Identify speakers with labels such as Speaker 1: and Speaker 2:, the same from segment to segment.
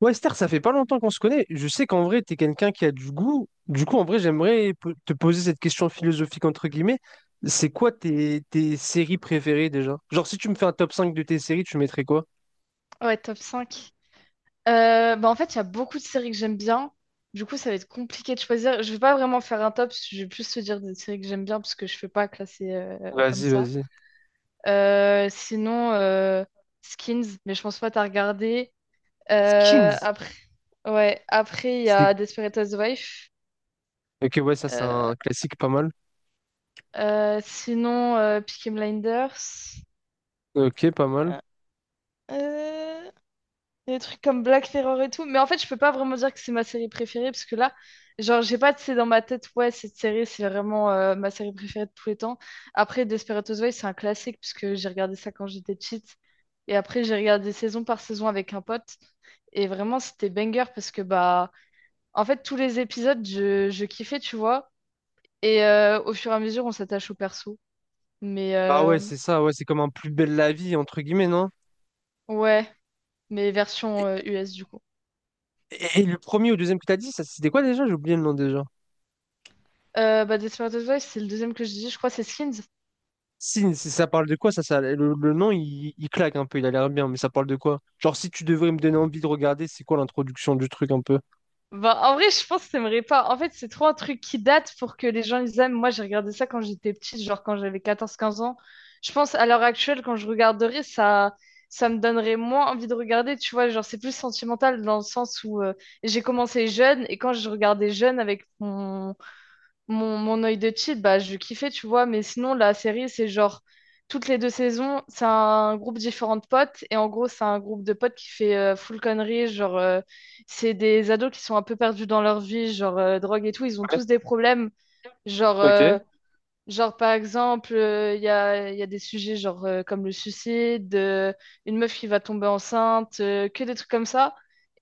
Speaker 1: Ouais, Esther, ça fait pas longtemps qu'on se connaît. Je sais qu'en vrai, tu es quelqu'un qui a du goût. Du coup, en vrai, j'aimerais te poser cette question philosophique, entre guillemets. C'est quoi tes séries préférées déjà? Genre, si tu me fais un top 5 de tes séries, tu mettrais quoi?
Speaker 2: Ouais, top cinq. Bah en fait, il y a beaucoup de séries que j'aime bien. Du coup, ça va être compliqué de choisir. Je vais pas vraiment faire un top, je vais plus te dire des séries que j'aime bien parce que je fais pas classer comme
Speaker 1: Vas-y,
Speaker 2: ça.
Speaker 1: vas-y.
Speaker 2: Sinon, Skins, mais je pense pas t'as regardé.
Speaker 1: Skins.
Speaker 2: Après, ouais, après, il y
Speaker 1: C'est...
Speaker 2: a Desperate Housewives.
Speaker 1: Ok, ouais, ça, c'est
Speaker 2: Euh,
Speaker 1: un classique pas mal.
Speaker 2: Sinon, Peaky Blinders.
Speaker 1: Ok, pas mal.
Speaker 2: Euh, euh, Des trucs comme Black Mirror et tout. Mais en fait, je peux pas vraiment dire que c'est ma série préférée parce que là, genre, j'ai pas, c'est dans ma tête, ouais, cette série, c'est vraiment ma série préférée de tous les temps. Après, Desperate Housewives, c'est un classique puisque j'ai regardé ça quand j'étais petite. Et après, j'ai regardé saison par saison avec un pote. Et vraiment, c'était banger parce que, bah, en fait, tous les épisodes, je kiffais, tu vois. Et au fur et à mesure, on s'attache au perso. Mais
Speaker 1: Ah ouais, c'est ça, ouais, c'est comme un plus belle la vie, entre guillemets, non?
Speaker 2: ouais, mais version
Speaker 1: Et,
Speaker 2: US du coup.
Speaker 1: et le premier ou deuxième que t'as dit, ça, c'était quoi déjà? J'ai oublié le nom déjà.
Speaker 2: Bah, Desperate Housewives, c'est le deuxième que je dis. Je crois que c'est Skins.
Speaker 1: Si ça parle de quoi, le nom, il claque un peu, il a l'air bien, mais ça parle de quoi? Genre, si tu devrais me donner envie de regarder, c'est quoi l'introduction du truc un peu?
Speaker 2: Bah, en vrai, je pense que t'aimerais pas. En fait, c'est trop un truc qui date pour que les gens ils aiment. Moi, j'ai regardé ça quand j'étais petite, genre quand j'avais 14 15 ans. Je pense à l'heure actuelle, quand je regarderais, ça me donnerait moins envie de regarder, tu vois. Genre, c'est plus sentimental dans le sens où j'ai commencé jeune et quand je regardais jeune avec mon œil de cheat, bah, je kiffais, tu vois, mais sinon, la série, c'est genre, toutes les deux saisons, c'est un groupe différent de potes, et en gros, c'est un groupe de potes qui fait full conneries, genre, c'est des ados qui sont un peu perdus dans leur vie, genre, drogue et tout, ils ont
Speaker 1: Ouais,
Speaker 2: tous des problèmes, genre,
Speaker 1: ok.
Speaker 2: Genre, par exemple, il y a des sujets genre, comme le suicide, une meuf qui va tomber enceinte, que des trucs comme ça.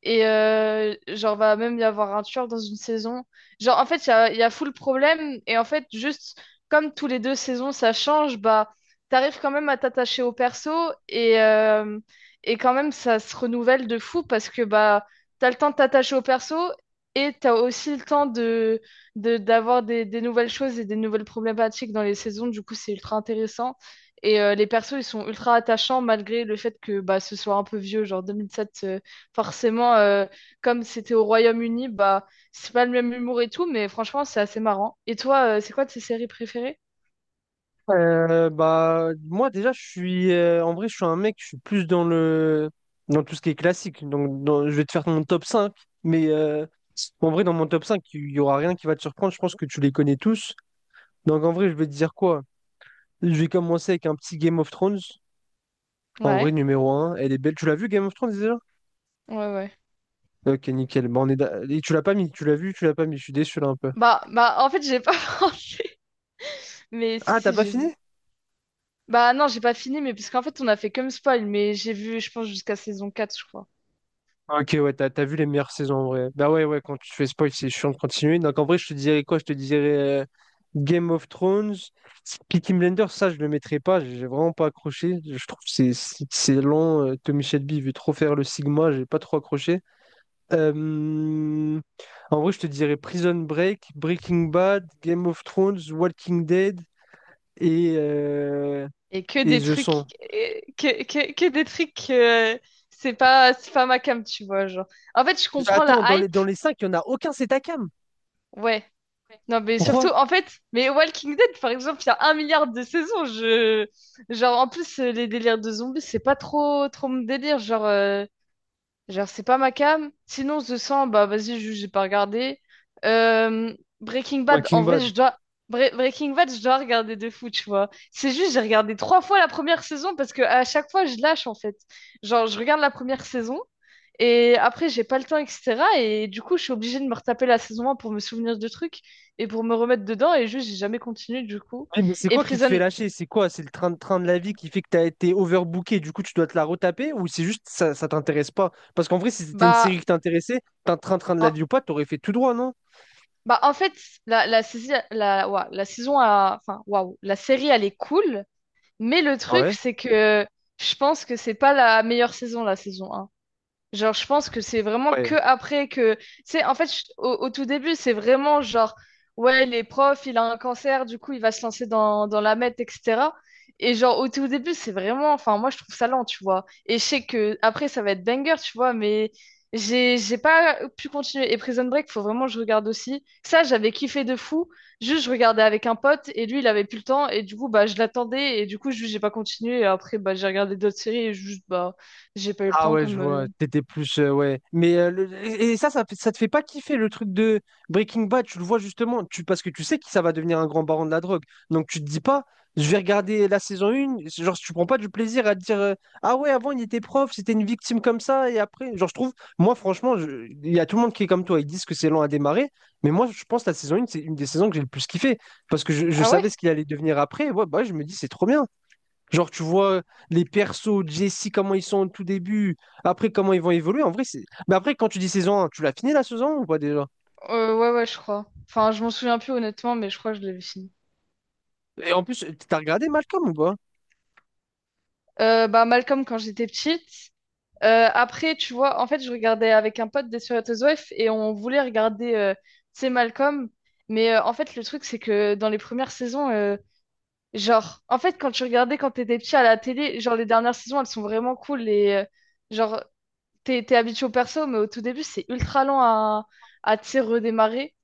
Speaker 2: Et genre, va même y avoir un tueur dans une saison. Genre, en fait, il y a full problème. Et en fait, juste comme tous les deux saisons, ça change, bah, t'arrives quand même à t'attacher au perso. Et, euh, et quand même, ça se renouvelle de fou parce que bah, t'as le temps de t'attacher au perso et t'as aussi le temps de d'avoir des nouvelles choses et des nouvelles problématiques dans les saisons. Du coup, c'est ultra intéressant. Et les persos, ils sont ultra attachants malgré le fait que bah, ce soit un peu vieux. Genre 2007, forcément, comme c'était au Royaume-Uni, bah, c'est pas le même humour et tout, mais franchement, c'est assez marrant. Et toi, c'est quoi tes séries préférées?
Speaker 1: Bah, moi, déjà, je suis, en vrai, je suis un mec, je suis plus dans tout ce qui est classique. Donc, je vais te faire mon top cinq, mais en vrai, dans mon top 5 il y aura rien qui va te surprendre. Je pense que tu les connais tous. Donc, en vrai, je vais te dire quoi? Je vais commencer avec un petit Game of Thrones. En
Speaker 2: Ouais,
Speaker 1: vrai, numéro un elle est belle. Tu l'as vu, Game of Thrones?
Speaker 2: ouais, ouais.
Speaker 1: Ok, nickel. Bon, et tu l'as pas mis, tu l'as vu, tu l'as pas mis. Je suis déçu là un peu.
Speaker 2: Bah, bah, en fait, j'ai pas pensé, mais si,
Speaker 1: Ah, t'as
Speaker 2: si,
Speaker 1: pas
Speaker 2: j'ai vu.
Speaker 1: fini?
Speaker 2: Bah, non, j'ai pas fini, mais parce qu'en fait, on a fait comme spoil, mais j'ai vu, je pense, jusqu'à saison 4 je crois.
Speaker 1: Ok, ouais, t'as vu les meilleures saisons en vrai. Bah ouais, ouais, quand tu fais spoil, c'est chiant de continuer. Donc en vrai, je te dirais quoi? Je te dirais Game of Thrones, Peaky Blinders, ça, je le mettrais pas. J'ai vraiment pas accroché. Je trouve que c'est lent. Tommy Shelby il veut trop faire le Sigma, j'ai pas trop accroché. Euh, En vrai, je te dirais Prison Break, Breaking Bad, Game of Thrones, Walking Dead et, euh,
Speaker 2: Et que
Speaker 1: et
Speaker 2: des
Speaker 1: The
Speaker 2: trucs,
Speaker 1: 100.
Speaker 2: c'est pas ma cam, tu vois, genre. En fait, je comprends la
Speaker 1: Attends, dans les,
Speaker 2: hype,
Speaker 1: dans les cinq, il n'y en a aucun, c'est Takam.
Speaker 2: ouais. Non, mais surtout,
Speaker 1: Pourquoi?
Speaker 2: en fait, mais Walking Dead, par exemple, il y a un milliard de saisons, je... Genre, en plus, les délires de zombies, c'est pas trop, trop mon délire, genre. Genre, c'est pas ma cam. Sinon, The 100, bah vas-y, juste, j'ai pas regardé. Euh, Breaking Bad, en
Speaker 1: Breaking
Speaker 2: vrai,
Speaker 1: Bad.
Speaker 2: je dois. Breaking Bad, je dois regarder de fou, tu vois. C'est juste, j'ai regardé trois fois la première saison parce que à chaque fois, je lâche, en fait. Genre, je regarde la première saison et après, j'ai pas le temps, etc. Et du coup, je suis obligée de me retaper la saison 1 pour me souvenir de trucs et pour me remettre dedans. Et juste, j'ai jamais continué, du coup.
Speaker 1: Eh, mais c'est
Speaker 2: Et
Speaker 1: quoi qui te fait
Speaker 2: Prison,
Speaker 1: lâcher? C'est quoi? C'est le train de la vie qui fait que tu as été overbooké, du coup tu dois te la retaper? Ou c'est juste ça, ça t'intéresse pas? Parce qu'en vrai, si c'était une
Speaker 2: bah.
Speaker 1: série qui t'intéressait, t'as un train-train de la
Speaker 2: en-
Speaker 1: vie ou pas, t'aurais fait tout droit, non?
Speaker 2: En fait, la saison a... Enfin, la série, elle est cool, mais le truc,
Speaker 1: Ouais.
Speaker 2: c'est que je pense que c'est pas la meilleure saison, la saison. Genre, je pense que c'est vraiment que
Speaker 1: Ouais.
Speaker 2: après que. Tu sais, en fait, au tout début, c'est vraiment genre, ouais, les profs, il a un cancer, du coup, il va se lancer dans la meth, etc. Et genre, au tout début, c'est vraiment. Enfin, moi, je trouve ça lent, tu vois. Et je sais que après, ça va être banger, tu vois, mais j'ai pas pu continuer. Et Prison Break, faut vraiment que je regarde aussi. Ça, j'avais kiffé de fou. Juste, je regardais avec un pote, et lui, il avait plus le temps, et du coup, bah, je l'attendais, et du coup, juste, j'ai pas continué. Et après, bah, j'ai regardé d'autres séries, et juste, bah, j'ai pas eu le
Speaker 1: Ah
Speaker 2: temps
Speaker 1: ouais, je
Speaker 2: comme.
Speaker 1: vois, t'étais plus, ouais. Mais ça te fait pas kiffer le truc de Breaking Bad, tu le vois justement, tu, parce que tu sais que ça va devenir un grand baron de la drogue. Donc tu te dis pas, je vais regarder la saison 1, genre tu prends pas du plaisir à te dire, ah ouais, avant il était prof, c'était une victime comme ça, et après, genre je trouve, moi franchement, il y a tout le monde qui est comme toi, ils disent que c'est lent à démarrer, mais moi je pense que la saison 1, c'est une des saisons que j'ai le plus kiffé, parce que je
Speaker 2: Ah
Speaker 1: savais
Speaker 2: ouais?
Speaker 1: ce qu'il allait devenir après, et ouais, bah je me dis, c'est trop bien. Genre, tu vois les persos, Jesse, comment ils sont au tout début, après comment ils vont évoluer. En vrai, c'est. Mais après, quand tu dis saison 1, tu l'as fini la saison 1 ou pas déjà?
Speaker 2: Ouais, ouais, je crois. Enfin, je m'en souviens plus honnêtement, mais je crois que je l'avais fini.
Speaker 1: Et en plus, t'as regardé Malcolm ou pas?
Speaker 2: Bah, Malcolm, quand j'étais petite. Après, tu vois, en fait, je regardais avec un pote des Wef et on voulait regarder, tu sais, Malcolm. Mais en fait, le truc, c'est que dans les premières saisons, genre, en fait, quand tu regardais quand t'étais petit à la télé, genre, les dernières saisons, elles sont vraiment cool. Et, genre, t'es habitué au perso, mais au tout début, c'est ultra lent à, tu sais, redémarrer.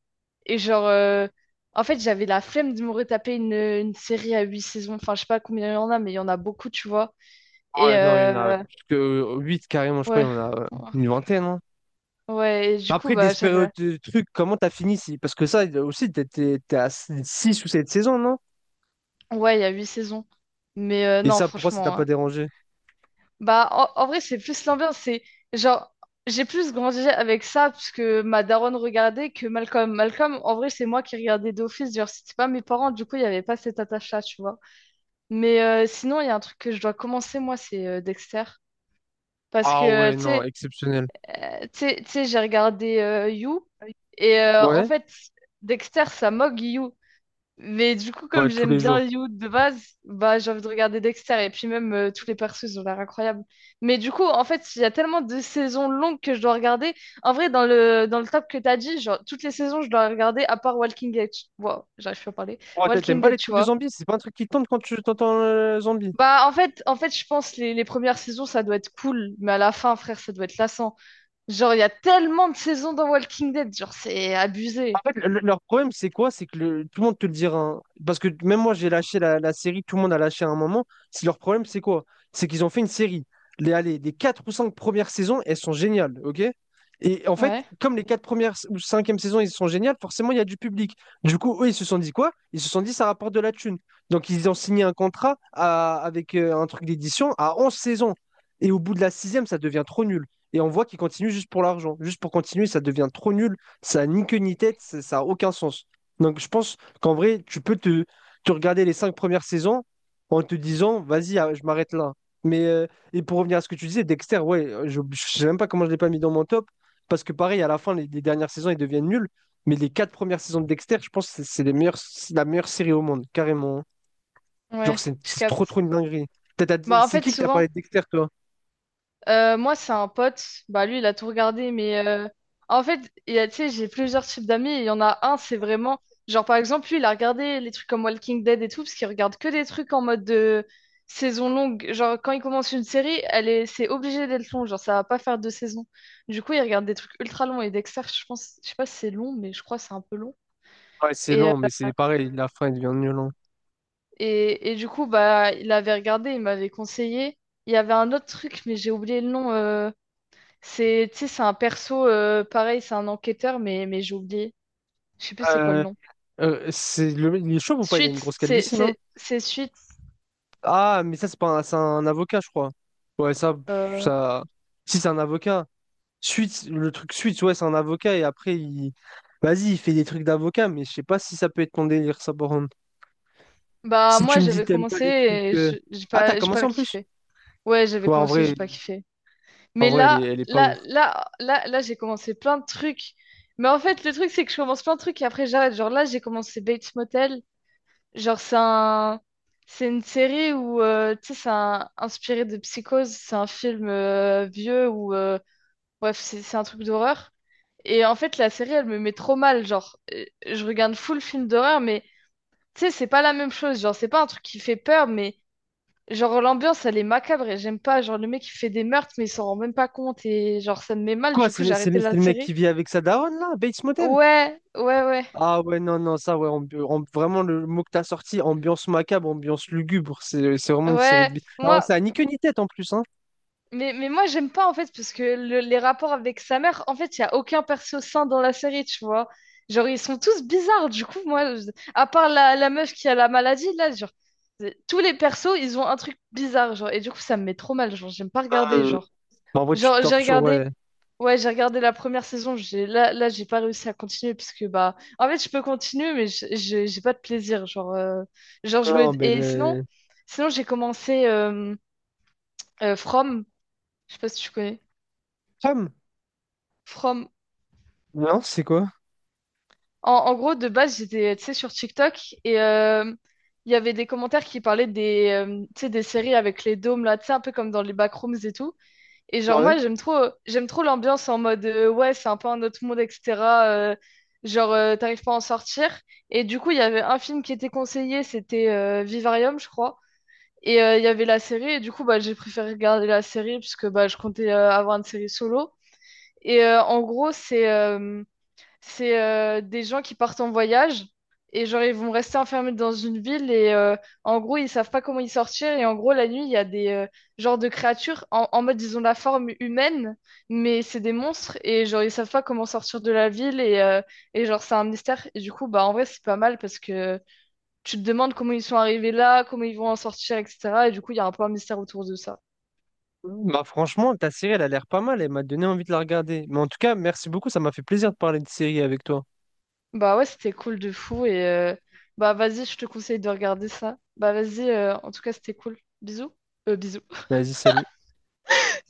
Speaker 2: Et genre, en fait, j'avais la flemme de me retaper une série à huit saisons. Enfin, je sais pas combien il y en a, mais il y en a beaucoup, tu vois.
Speaker 1: Ah
Speaker 2: Et
Speaker 1: ouais, non, il y en a plus que 8 carrément, je crois, il y
Speaker 2: ouais,
Speaker 1: en a une vingtaine, hein.
Speaker 2: ouais, et du coup,
Speaker 1: Après,
Speaker 2: bah, j'avais la...
Speaker 1: Desperate trucs, comment t'as fini? Parce que ça aussi, t'es à 6 ou 7 saisons, non?
Speaker 2: Ouais, il y a huit saisons. Mais
Speaker 1: Et
Speaker 2: non,
Speaker 1: ça, pourquoi ça t'a
Speaker 2: franchement.
Speaker 1: pas
Speaker 2: Hein.
Speaker 1: dérangé?
Speaker 2: Bah, en vrai, c'est plus l'ambiance. C'est genre, j'ai plus grandi avec ça, parce que ma daronne regardait que Malcolm. Malcolm, en vrai, c'est moi qui regardais d'office. Genre, c'était pas mes parents, du coup, il n'y avait pas cette attache-là, tu vois. Mais sinon, il y a un truc que je dois commencer, moi, c'est Dexter. Parce
Speaker 1: Ah
Speaker 2: que,
Speaker 1: ouais,
Speaker 2: tu
Speaker 1: non,
Speaker 2: sais,
Speaker 1: exceptionnel.
Speaker 2: J'ai regardé You et en
Speaker 1: Ouais,
Speaker 2: fait, Dexter, ça moque You. Mais du coup, comme
Speaker 1: ouais, tous
Speaker 2: j'aime
Speaker 1: les
Speaker 2: bien
Speaker 1: jours.
Speaker 2: You de base, bah j'ai envie de regarder Dexter et puis même tous les persos, ils ont l'air incroyables. Mais du coup, en fait, il y a tellement de saisons longues que je dois regarder. En vrai, dans le top que t'as dit, genre toutes les saisons, je dois regarder à part Walking Dead. Wow, j'arrive plus à parler.
Speaker 1: Ouais, t'aimes
Speaker 2: Walking
Speaker 1: pas
Speaker 2: Dead,
Speaker 1: les
Speaker 2: tu
Speaker 1: trucs de
Speaker 2: vois.
Speaker 1: zombies? C'est pas un truc qui te tente quand tu t'entends zombie.
Speaker 2: Bah en fait, je pense les premières saisons, ça doit être cool, mais à la fin, frère, ça doit être lassant. Genre, il y a tellement de saisons dans Walking Dead, genre, c'est abusé.
Speaker 1: En fait, leur problème, c'est quoi? C'est que tout le monde te le dira, hein. Parce que même moi, j'ai lâché la série, tout le monde a lâché à un moment. Si leur problème, c'est quoi? C'est qu'ils ont fait une série. Les, allez, les 4 ou 5 premières saisons, elles sont géniales, ok? Et en fait,
Speaker 2: Ouais,
Speaker 1: comme les 4 premières ou cinquième e saisons, ils sont géniales, forcément, il y a du public. Du coup, eux, ils se sont dit quoi? Ils se sont dit, ça rapporte de la thune. Donc, ils ont signé un contrat avec un truc d'édition à 11 saisons. Et au bout de la sixième, ça devient trop nul. Et on voit qu'ils continuent juste pour l'argent. Juste pour continuer, ça devient trop nul. Ça n'a ni queue ni tête, ça n'a aucun sens. Donc je pense qu'en vrai, tu peux te regarder les cinq premières saisons en te disant, vas-y, ah, je m'arrête là. Mais, et pour revenir à ce que tu disais, Dexter, ouais, je ne sais même pas comment je ne l'ai pas mis dans mon top, parce que pareil, à la fin, les dernières saisons, ils deviennent nuls. Mais les quatre premières saisons de Dexter, je pense que c'est les meilleures, c'est la meilleure série au monde, carrément. Genre,
Speaker 2: ouais,
Speaker 1: c'est
Speaker 2: je
Speaker 1: c'est trop, trop
Speaker 2: capte.
Speaker 1: une dinguerie.
Speaker 2: Bah, en
Speaker 1: C'est
Speaker 2: fait,
Speaker 1: qui t'a
Speaker 2: souvent,
Speaker 1: parlé de Dexter, toi?
Speaker 2: moi, c'est un pote, bah, lui, il a tout regardé, mais en fait, il y a, tu sais, j'ai plusieurs types d'amis, et il y en a un, c'est vraiment, genre, par exemple, lui, il a regardé les trucs comme Walking Dead et tout, parce qu'il regarde que des trucs en mode de saison longue. Genre, quand il commence une série, c'est obligé d'être long, genre, ça va pas faire deux saisons. Du coup, il regarde des trucs ultra longs, et Dexter, je pense, je sais pas si c'est long, mais je crois que c'est un peu long.
Speaker 1: Ouais, c'est lent, mais c'est pareil, la fin, il devient nul, hein.
Speaker 2: Et du coup, bah, il avait regardé, il m'avait conseillé. Il y avait un autre truc, mais j'ai oublié le nom. C'est, tu sais, c'est un perso, pareil, c'est un enquêteur, mais j'ai oublié. Je sais plus c'est quoi le
Speaker 1: Euh,
Speaker 2: nom.
Speaker 1: c'est le, il est chauve ou pas? Il a une
Speaker 2: Suite,
Speaker 1: grosse
Speaker 2: c'est,
Speaker 1: calvitie, non?
Speaker 2: c'est, c'est Suite.
Speaker 1: Ah, mais ça, c'est pas un, c'est un avocat, je crois. Ouais, ça,
Speaker 2: euh,
Speaker 1: ça. Si, c'est un avocat. Suite le truc suite ouais, c'est un avocat et après, il. Vas-y, il fait des trucs d'avocat, mais je sais pas si ça peut être ton délire, ça, par contre.
Speaker 2: Bah,
Speaker 1: Si
Speaker 2: moi,
Speaker 1: tu me dis
Speaker 2: j'avais
Speaker 1: t'aimes pas
Speaker 2: commencé
Speaker 1: les trucs.
Speaker 2: et je- j'ai
Speaker 1: Ah, t'as
Speaker 2: pas, j'ai
Speaker 1: commencé
Speaker 2: pas
Speaker 1: en plus?
Speaker 2: kiffé. Ouais, j'avais
Speaker 1: Ouais, en
Speaker 2: commencé, j'ai
Speaker 1: vrai,
Speaker 2: pas kiffé.
Speaker 1: en
Speaker 2: Mais
Speaker 1: vrai, elle est,
Speaker 2: là,
Speaker 1: elle est pas
Speaker 2: là,
Speaker 1: ouf.
Speaker 2: là, là, là, j'ai commencé plein de trucs. Mais en fait, le truc, c'est que je commence plein de trucs et après, j'arrête. Genre là, j'ai commencé Bates Motel. Genre, c'est une série où, tu sais, inspiré de Psychose. C'est un film vieux où, bref, c'est un truc d'horreur. Et en fait, la série, elle me met trop mal. Genre, je regarde full film d'horreur, mais tu sais, c'est pas la même chose. Genre, c'est pas un truc qui fait peur, mais genre, l'ambiance, elle est macabre et j'aime pas. Genre, le mec, il fait des meurtres, mais il s'en rend même pas compte. Et genre, ça me met mal.
Speaker 1: Quoi,
Speaker 2: Du coup, j'ai arrêté
Speaker 1: c'est
Speaker 2: la
Speaker 1: le mec
Speaker 2: série.
Speaker 1: qui vit avec sa daronne, là, Bates Motel?
Speaker 2: Ouais, ouais, ouais.
Speaker 1: Ah, ouais, non, non, ça, ouais, vraiment, le mot que t'as sorti, ambiance macabre, ambiance lugubre, c'est vraiment une série de.
Speaker 2: Ouais,
Speaker 1: Alors, ça
Speaker 2: moi,
Speaker 1: a ni queue ni tête en plus, hein.
Speaker 2: mais moi, j'aime pas, en fait, parce que les rapports avec sa mère, en fait, il n'y a aucun perso sain dans la série, tu vois. Genre, ils sont tous bizarres, du coup, moi, à part la meuf qui a la maladie, là, genre, tous les persos, ils ont un truc bizarre, genre, et du coup, ça me met trop mal, genre, j'aime pas regarder,
Speaker 1: Euh,
Speaker 2: genre.
Speaker 1: mais en vrai, tu te
Speaker 2: Genre,
Speaker 1: tortures, ouais.
Speaker 2: ouais, j'ai regardé la première saison, là, là, j'ai pas réussi à continuer, parce que, bah, en fait, je peux continuer, mais j'ai pas de plaisir, genre, genre,
Speaker 1: Non, mais
Speaker 2: et
Speaker 1: les...
Speaker 2: sinon, j'ai commencé From, je sais pas si tu connais.
Speaker 1: Sam?
Speaker 2: From.
Speaker 1: Non, c'est quoi?
Speaker 2: En gros, de base, j'étais, tu sais, sur TikTok et il y avait des commentaires qui parlaient tu sais, des séries avec les dômes là, tu sais, un peu comme dans les backrooms et tout. Et genre,
Speaker 1: Ouais.
Speaker 2: moi, j'aime trop l'ambiance en mode, ouais, c'est un peu un autre monde, etc. euh, genre, t'arrives pas à en sortir. Et du coup, il y avait un film qui était conseillé, c'était Vivarium, je crois. Et il y avait la série, et du coup, bah, j'ai préféré regarder la série puisque bah, je comptais avoir une série solo. Et en gros, C'est des gens qui partent en voyage et genre ils vont rester enfermés dans une ville et en gros ils savent pas comment y sortir et en gros la nuit il y a des genres de créatures en mode ils ont la forme humaine mais c'est des monstres et genre ils savent pas comment sortir de la ville et genre c'est un mystère et du coup bah en vrai c'est pas mal parce que tu te demandes comment ils sont arrivés là, comment ils vont en sortir etc. et du coup il y a un peu un mystère autour de ça.
Speaker 1: Bah franchement, ta série, elle a l'air pas mal. Elle m'a donné envie de la regarder. Mais en tout cas, merci beaucoup. Ça m'a fait plaisir de parler de série avec toi.
Speaker 2: Bah ouais, c'était cool de fou. Et bah vas-y, je te conseille de regarder ça. Bah vas-y, en tout cas, c'était cool. Bisous. Bisous.
Speaker 1: Vas-y, salut.